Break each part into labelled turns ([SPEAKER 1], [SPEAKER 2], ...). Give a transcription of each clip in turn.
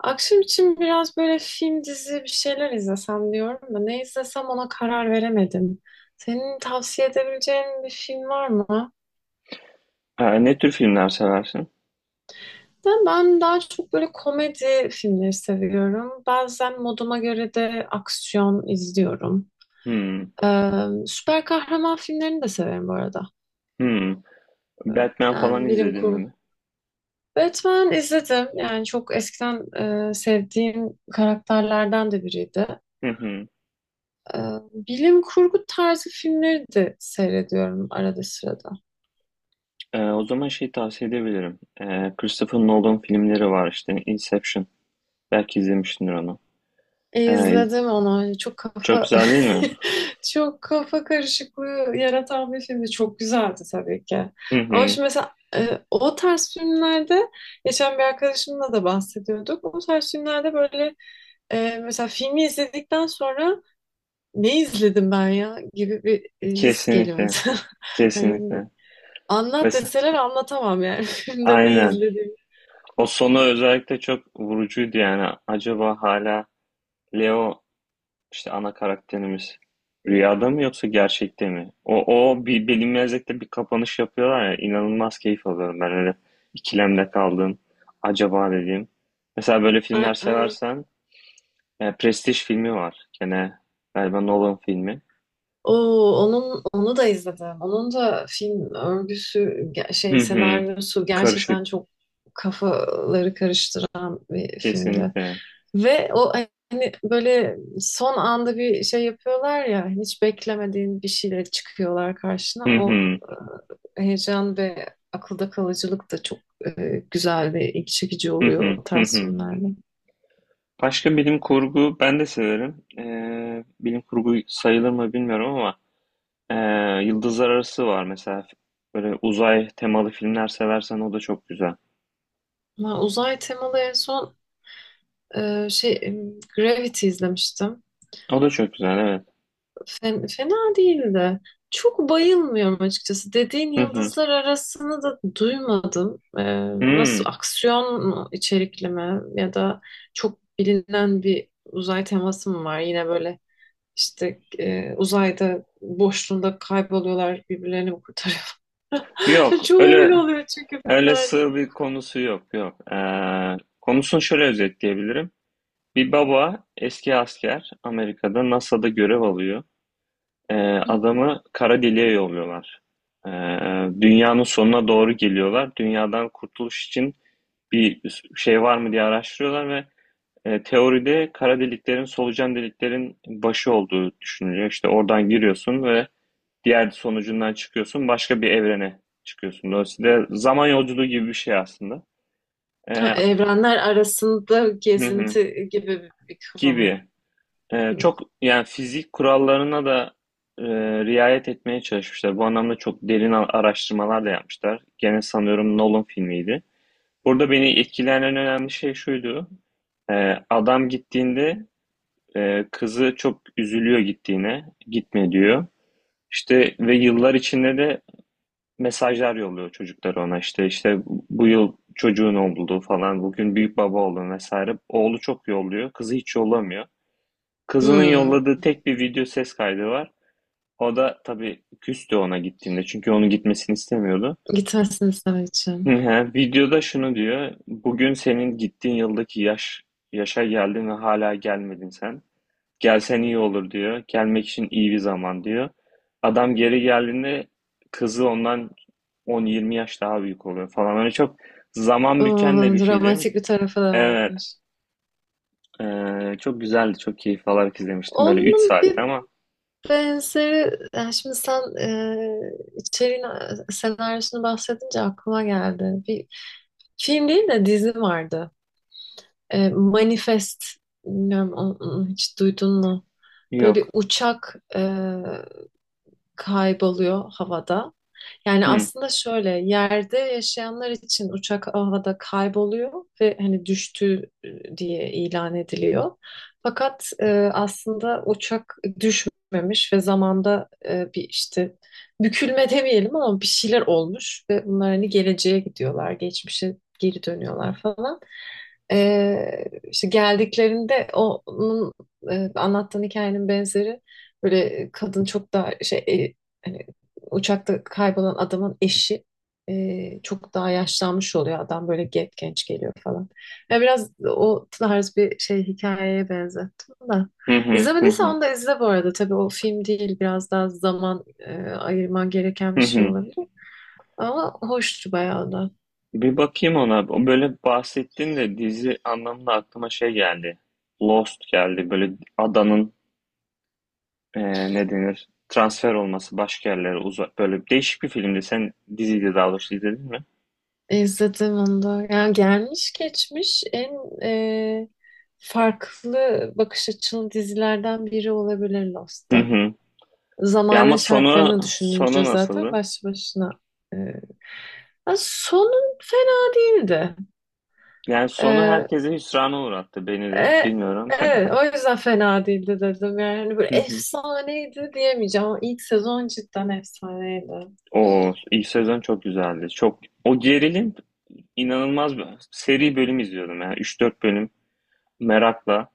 [SPEAKER 1] Akşam için biraz böyle film, dizi bir şeyler izlesem diyorum da ne izlesem ona karar veremedim. Senin tavsiye edebileceğin bir film var mı?
[SPEAKER 2] Ha, ne tür filmler seversin?
[SPEAKER 1] De ben daha çok böyle komedi filmleri seviyorum. Bazen moduma göre de aksiyon izliyorum.
[SPEAKER 2] Hmm,
[SPEAKER 1] Süper kahraman filmlerini de severim bu arada.
[SPEAKER 2] hmm.
[SPEAKER 1] Ee,
[SPEAKER 2] Batman falan
[SPEAKER 1] Yani bilim
[SPEAKER 2] izledin
[SPEAKER 1] kurgu.
[SPEAKER 2] mi?
[SPEAKER 1] Batman izledim. Yani çok eskiden sevdiğim karakterlerden de biriydi.
[SPEAKER 2] Hı hı.
[SPEAKER 1] Ee, Bilim kurgu tarzı filmleri de seyrediyorum arada sırada.
[SPEAKER 2] O zaman tavsiye edebilirim. Christopher Nolan filmleri var işte. Inception. Belki izlemişsindir onu. Ee, iz-
[SPEAKER 1] İzledim onu. Çok
[SPEAKER 2] Çok
[SPEAKER 1] kafa.
[SPEAKER 2] güzel değil mi?
[SPEAKER 1] Çok kafa karışıklığı yaratan bir filmdi. Çok güzeldi tabii ki.
[SPEAKER 2] Hı
[SPEAKER 1] Ama
[SPEAKER 2] hı.
[SPEAKER 1] şimdi mesela o tarz filmlerde geçen bir arkadaşımla da bahsediyorduk. O tarz filmlerde böyle mesela filmi izledikten sonra ne izledim ben ya gibi bir his geliyor
[SPEAKER 2] Kesinlikle.
[SPEAKER 1] mesela. Yani
[SPEAKER 2] Kesinlikle.
[SPEAKER 1] anlat
[SPEAKER 2] Mesela
[SPEAKER 1] deseler anlatamam yani filmde ne
[SPEAKER 2] aynen.
[SPEAKER 1] izlediğimi.
[SPEAKER 2] O sonu özellikle çok vurucuydu yani. Acaba hala Leo, İşte ana karakterimiz, rüyada mı yoksa gerçekte mi? O bir bilinmezlikte bir kapanış yapıyorlar ya, inanılmaz keyif alıyorum ben öyle. İkilemde kaldım acaba dediğim. Mesela böyle filmler
[SPEAKER 1] Ay.
[SPEAKER 2] seversen Prestige filmi var, gene galiba Nolan filmi.
[SPEAKER 1] Oo, onu da izledim. Onun da film örgüsü,
[SPEAKER 2] Hı hı.
[SPEAKER 1] senaryosu
[SPEAKER 2] Karışık,
[SPEAKER 1] gerçekten çok kafaları karıştıran bir filmdi.
[SPEAKER 2] kesinlikle.
[SPEAKER 1] Ve o, hani böyle son anda bir şey yapıyorlar ya, hani hiç beklemediğin bir şeyle çıkıyorlar karşına.
[SPEAKER 2] Hı
[SPEAKER 1] O
[SPEAKER 2] hı.
[SPEAKER 1] heyecan ve akılda kalıcılık da çok e, güzel ve ilgi çekici
[SPEAKER 2] Hı
[SPEAKER 1] oluyor
[SPEAKER 2] hı.
[SPEAKER 1] o
[SPEAKER 2] Hı
[SPEAKER 1] tarz
[SPEAKER 2] hı.
[SPEAKER 1] filmlerde.
[SPEAKER 2] Başka bilim kurgu ben de severim. Bilim kurgu sayılır mı bilmiyorum ama Ee, Yıldızlar Arası var mesela. Böyle uzay temalı filmler seversen o da çok güzel.
[SPEAKER 1] Ama uzay temalı en son e, şey Gravity izlemiştim.
[SPEAKER 2] O da çok güzel, evet.
[SPEAKER 1] Fena değildi. Çok bayılmıyorum açıkçası. Dediğin
[SPEAKER 2] Hı hı.
[SPEAKER 1] yıldızlar arasını da duymadım. Nasıl,
[SPEAKER 2] Hmm.
[SPEAKER 1] aksiyon mu, içerikli mi, ya da çok bilinen bir uzay teması mı var? Yine böyle işte uzayda boşluğunda kayboluyorlar, birbirlerini mi kurtarıyor?
[SPEAKER 2] Yok
[SPEAKER 1] Çoğu
[SPEAKER 2] öyle,
[SPEAKER 1] öyle oluyor çünkü filmlerde.
[SPEAKER 2] sığ bir konusu yok yok. Konusunu şöyle özetleyebilirim. Bir baba, eski asker, Amerika'da NASA'da görev alıyor.
[SPEAKER 1] Hı.
[SPEAKER 2] Adamı kara deliğe yolluyorlar. Ee, Dünyanın sonuna doğru geliyorlar. Dünyadan kurtuluş için bir şey var mı diye araştırıyorlar ve teoride kara deliklerin, solucan deliklerin başı olduğu düşünülüyor. İşte oradan giriyorsun ve diğer sonucundan çıkıyorsun. Başka bir evrene çıkıyorsun. Dolayısıyla zaman yolculuğu gibi bir şey aslında.
[SPEAKER 1] Ha,
[SPEAKER 2] E,
[SPEAKER 1] evrenler arasında
[SPEAKER 2] hı hı,
[SPEAKER 1] gezinti gibi bir kafa mı?
[SPEAKER 2] gibi.
[SPEAKER 1] Hı.
[SPEAKER 2] Çok yani fizik kurallarına da e, riayet etmeye çalışmışlar. Bu anlamda çok derin araştırmalar da yapmışlar. Gene sanıyorum Nolan filmiydi. Burada beni etkileyen en önemli şey şuydu. Adam gittiğinde kızı çok üzülüyor gittiğine, gitme diyor. İşte ve yıllar içinde de mesajlar yolluyor çocuklar ona. İşte bu yıl çocuğun oldu falan, bugün büyük baba oldun vesaire. Oğlu çok yolluyor, kızı hiç yollamıyor. Kızının
[SPEAKER 1] Hmm.
[SPEAKER 2] yolladığı tek bir video ses kaydı var. O da tabii küstü ona gittiğinde, çünkü onun gitmesini istemiyordu.
[SPEAKER 1] Gitmesin için.
[SPEAKER 2] Videoda şunu diyor: bugün senin gittiğin yıldaki yaşa geldin ve hala gelmedin sen. Gelsen iyi olur diyor. Gelmek için iyi bir zaman diyor. Adam geri geldiğinde kızı ondan 10-20 yaş daha büyük oluyor falan. Öyle çok zaman
[SPEAKER 1] O,
[SPEAKER 2] büken de bir film.
[SPEAKER 1] dramatik bir tarafı da
[SPEAKER 2] Evet.
[SPEAKER 1] varmış.
[SPEAKER 2] Çok güzeldi. Çok keyif alarak izlemiştim. Böyle 3
[SPEAKER 1] Onun
[SPEAKER 2] saatte
[SPEAKER 1] bir
[SPEAKER 2] ama.
[SPEAKER 1] benzeri, yani şimdi sen içeriğini, senaryosunu bahsedince aklıma geldi. Bir film değil de dizi vardı. E, Manifest, bilmiyorum, onu hiç duydun mu? Böyle bir
[SPEAKER 2] Yok.
[SPEAKER 1] uçak kayboluyor havada. Yani
[SPEAKER 2] Hı.
[SPEAKER 1] aslında şöyle, yerde yaşayanlar için uçak havada kayboluyor ve hani düştü diye ilan ediliyor. Fakat aslında uçak düşmemiş ve zamanda bir işte bükülme demeyelim ama bir şeyler olmuş ve bunlar hani geleceğe gidiyorlar, geçmişe geri dönüyorlar falan. E, işte geldiklerinde onun anlattığın hikayenin benzeri. Böyle kadın çok daha şey, hani uçakta kaybolan adamın eşi çok daha yaşlanmış oluyor. Adam böyle genç genç geliyor falan. Ya biraz o tarz bir şey hikayeye benzettim da.
[SPEAKER 2] Hı hı hı
[SPEAKER 1] İzlemediysen
[SPEAKER 2] hı.
[SPEAKER 1] onu da izle bu arada. Tabii o film değil. Biraz daha zaman ayırman gereken
[SPEAKER 2] Hı
[SPEAKER 1] bir şey
[SPEAKER 2] hı.
[SPEAKER 1] olabilir. Ama hoştu bayağı da.
[SPEAKER 2] Bir bakayım ona. O, böyle bahsettin de dizi anlamında aklıma geldi. Lost geldi. Böyle adanın ne denir? Transfer olması başka yerlere uzak. Böyle değişik bir filmdi. Sen diziydi daha doğrusu izledin mi?
[SPEAKER 1] İzledim onu da. Yani gelmiş geçmiş en e, farklı bakış açılı dizilerden biri olabilir
[SPEAKER 2] Hı
[SPEAKER 1] Lost'ta.
[SPEAKER 2] hı. Ya ama
[SPEAKER 1] Zamane şartlarını düşününce
[SPEAKER 2] sonu
[SPEAKER 1] zaten
[SPEAKER 2] nasıldı?
[SPEAKER 1] başlı başına. e, Ya sonun fena değildi.
[SPEAKER 2] Yani sonu
[SPEAKER 1] E,
[SPEAKER 2] herkese hüsrana uğrattı, beni de.
[SPEAKER 1] e,
[SPEAKER 2] Bilmiyorum.
[SPEAKER 1] evet, o yüzden fena değildi dedim. Yani hani böyle
[SPEAKER 2] Hı hı.
[SPEAKER 1] efsaneydi diyemeyeceğim ama ilk sezon cidden efsaneydi.
[SPEAKER 2] O ilk sezon çok güzeldi. Çok o gerilim, inanılmaz bir seri. Bölüm izliyordum yani üç dört bölüm, merakla.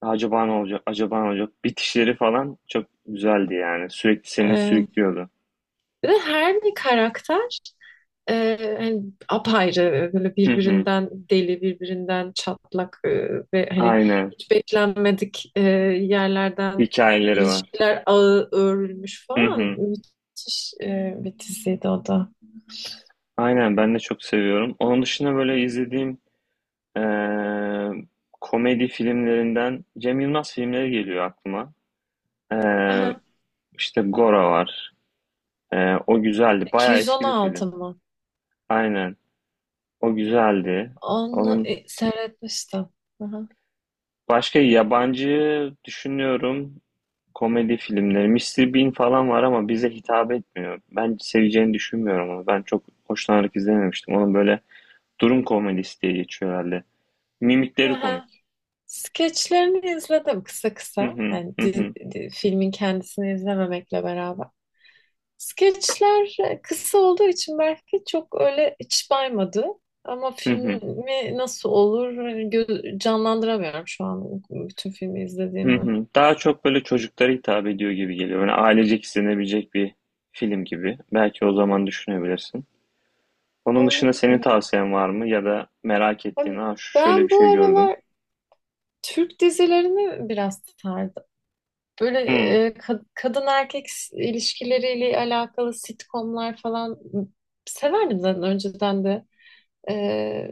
[SPEAKER 2] Acaba ne olacak? Acaba ne olacak? Bitişleri falan çok güzeldi yani. Sürekli seni
[SPEAKER 1] E,
[SPEAKER 2] sürüklüyordu.
[SPEAKER 1] Bir de her bir karakter hani apayrı, böyle
[SPEAKER 2] Hı hı.
[SPEAKER 1] birbirinden deli, birbirinden çatlak, ve hani
[SPEAKER 2] Aynen.
[SPEAKER 1] hiç beklenmedik yerlerden
[SPEAKER 2] Hikayeleri var.
[SPEAKER 1] ilişkiler ağı örülmüş
[SPEAKER 2] Hı
[SPEAKER 1] falan,
[SPEAKER 2] hı.
[SPEAKER 1] müthiş bir diziydi o da.
[SPEAKER 2] Aynen, ben de çok seviyorum. Onun dışında böyle izlediğim eee, komedi filmlerinden Cem Yılmaz filmleri geliyor aklıma. Eee
[SPEAKER 1] Aha.
[SPEAKER 2] işte Gora var. O güzeldi. Bayağı eski bir film.
[SPEAKER 1] 216 mı?
[SPEAKER 2] Aynen. O güzeldi.
[SPEAKER 1] Onu
[SPEAKER 2] Onun
[SPEAKER 1] seyretmiştim. Aha.
[SPEAKER 2] başka yabancı düşünüyorum komedi filmleri. Mr. Bean falan var ama bize hitap etmiyor. Ben seveceğini düşünmüyorum onu. Ben çok hoşlanarak izlememiştim. Onun böyle durum komedisi diye geçiyor herhalde. Mimikleri komik.
[SPEAKER 1] Aha. Skeçlerini izledim kısa
[SPEAKER 2] Hı
[SPEAKER 1] kısa.
[SPEAKER 2] hı,
[SPEAKER 1] Yani
[SPEAKER 2] hı hı.
[SPEAKER 1] filmin kendisini izlememekle beraber. Skeçler kısa olduğu için belki çok öyle iç baymadı. Ama
[SPEAKER 2] Hı hı.
[SPEAKER 1] filmi nasıl olur hani, canlandıramıyorum şu an bütün filmi
[SPEAKER 2] Hı
[SPEAKER 1] izlediğimi.
[SPEAKER 2] hı. Daha çok böyle çocuklara hitap ediyor gibi geliyor. Yani ailecek izlenebilecek bir film gibi. Belki o zaman düşünebilirsin. Onun dışında senin
[SPEAKER 1] Olabilir.
[SPEAKER 2] tavsiyen var mı? Ya da merak ettiğin,
[SPEAKER 1] Ama
[SPEAKER 2] ha şu, şöyle bir
[SPEAKER 1] ben
[SPEAKER 2] şey
[SPEAKER 1] bu
[SPEAKER 2] gördüm.
[SPEAKER 1] aralar Türk dizilerini biraz sardım. Böyle
[SPEAKER 2] Hı.
[SPEAKER 1] kadın erkek ilişkileriyle alakalı sitcomlar falan severdim zaten önceden de. Ee,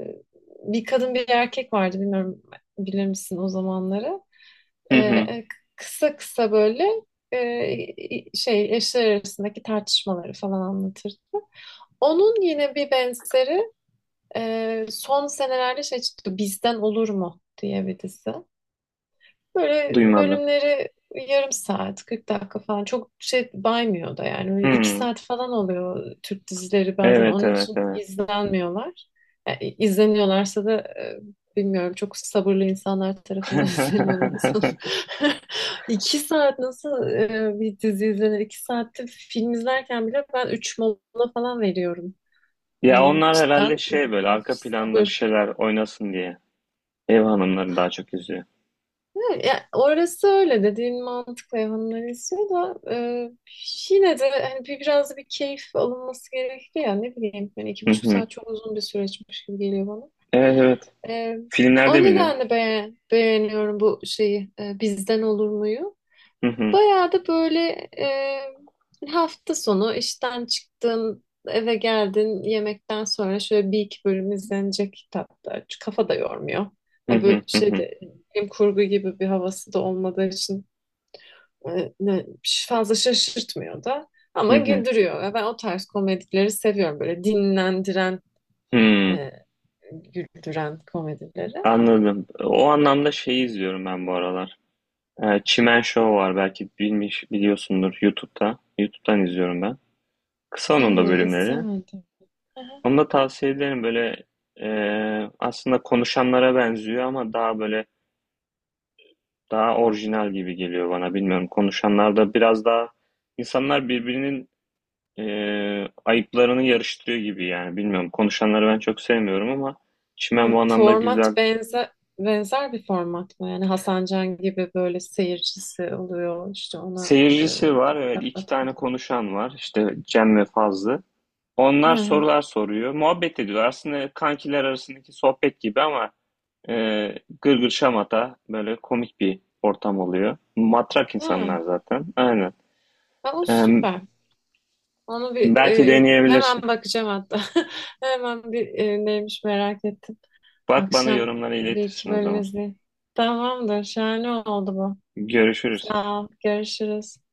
[SPEAKER 1] Bir kadın bir erkek vardı, bilmiyorum, bilir misin o zamanları.
[SPEAKER 2] Hı hı.
[SPEAKER 1] Ee, Kısa kısa böyle eşler arasındaki tartışmaları falan anlatırdı. Onun yine bir benzeri son senelerde şey çıktı, Bizden Olur mu diye bir dizi. Böyle
[SPEAKER 2] Duymadım.
[SPEAKER 1] bölümleri yarım saat, 40 dakika falan, çok şey baymıyor da yani. Öyle iki
[SPEAKER 2] Hı.
[SPEAKER 1] saat falan oluyor Türk dizileri, bazen
[SPEAKER 2] Evet,
[SPEAKER 1] onun
[SPEAKER 2] evet,
[SPEAKER 1] için
[SPEAKER 2] evet.
[SPEAKER 1] izlenmiyorlar. Yani izleniyorlarsa da bilmiyorum, çok sabırlı insanlar tarafından izleniyorlar sanırım. İki saat nasıl bir dizi izlenir? İki saatte film izlerken bile ben üç mola falan veriyorum.
[SPEAKER 2] Ya
[SPEAKER 1] Yani
[SPEAKER 2] onlar herhalde
[SPEAKER 1] cidden
[SPEAKER 2] böyle
[SPEAKER 1] müthiş
[SPEAKER 2] arka planda bir
[SPEAKER 1] sabır.
[SPEAKER 2] şeyler oynasın diye ev hanımları daha çok izliyor.
[SPEAKER 1] Ya, orası öyle, dediğin mantıklı, hayvanlar istiyor da yine de hani bir, biraz da bir keyif alınması gerekli ya, ne bileyim, yani iki
[SPEAKER 2] Hı
[SPEAKER 1] buçuk
[SPEAKER 2] hı.
[SPEAKER 1] saat çok uzun bir süreçmiş gibi geliyor bana.
[SPEAKER 2] Evet, evet.
[SPEAKER 1] E, O
[SPEAKER 2] Filmlerde bile.
[SPEAKER 1] nedenle beğeniyorum bu şeyi, Bizden Olur mu'yu.
[SPEAKER 2] Hı hı.
[SPEAKER 1] Bayağı da böyle hafta sonu işten çıktın, eve geldin, yemekten sonra şöyle bir iki bölüm izlenecek kitaplar. Çünkü kafa da yormuyor.
[SPEAKER 2] Hı
[SPEAKER 1] Ya
[SPEAKER 2] hı.
[SPEAKER 1] böyle
[SPEAKER 2] Hı hı.
[SPEAKER 1] şeyde bilim kurgu gibi bir havası da olmadığı için e, ne- fazla şaşırtmıyor da.
[SPEAKER 2] Hı
[SPEAKER 1] Ama
[SPEAKER 2] hı.
[SPEAKER 1] güldürüyor. Ve ben o tarz komedileri seviyorum. Böyle dinlendiren,
[SPEAKER 2] Hı.
[SPEAKER 1] e, güldüren komedileri.
[SPEAKER 2] Anladım. O anlamda şeyi izliyorum ben bu aralar. Çimen Show var, belki biliyorsundur, YouTube'da. YouTube'dan izliyorum ben. Kısa onun da
[SPEAKER 1] Hmm,
[SPEAKER 2] bölümleri.
[SPEAKER 1] izlemedim.
[SPEAKER 2] Onu da tavsiye ederim. Böyle e, aslında konuşanlara benziyor ama daha böyle, daha orijinal gibi geliyor bana. Bilmiyorum. Konuşanlarda biraz daha insanlar birbirinin e, ayıplarını yarıştırıyor gibi yani. Bilmiyorum. Konuşanları ben çok sevmiyorum ama Çimen bu
[SPEAKER 1] Ha,
[SPEAKER 2] anlamda
[SPEAKER 1] format
[SPEAKER 2] güzel.
[SPEAKER 1] benzer bir format mı? Yani Hasan Can gibi böyle seyircisi oluyor, işte ona
[SPEAKER 2] Seyircisi var. Evet,
[SPEAKER 1] laf
[SPEAKER 2] iki
[SPEAKER 1] atıyor.
[SPEAKER 2] tane konuşan var. İşte Cem ve Fazlı.
[SPEAKER 1] Ha,
[SPEAKER 2] Onlar sorular soruyor. Muhabbet ediyor. Aslında kankiler arasındaki sohbet gibi ama e, gırgır şamata, böyle komik bir ortam oluyor. Matrak insanlar
[SPEAKER 1] ha.
[SPEAKER 2] zaten. Aynen.
[SPEAKER 1] Ha, o
[SPEAKER 2] E,
[SPEAKER 1] süper. Onu bir
[SPEAKER 2] Belki
[SPEAKER 1] hemen
[SPEAKER 2] deneyebilirsin.
[SPEAKER 1] bakacağım hatta. Hemen bir neymiş merak ettim.
[SPEAKER 2] Bak, bana
[SPEAKER 1] Akşam
[SPEAKER 2] yorumları
[SPEAKER 1] bir
[SPEAKER 2] iletirsin
[SPEAKER 1] iki
[SPEAKER 2] o
[SPEAKER 1] bölüm
[SPEAKER 2] zaman.
[SPEAKER 1] izleyeyim. Tamamdır. Şahane oldu bu.
[SPEAKER 2] Görüşürüz.
[SPEAKER 1] Sağ ol. Görüşürüz.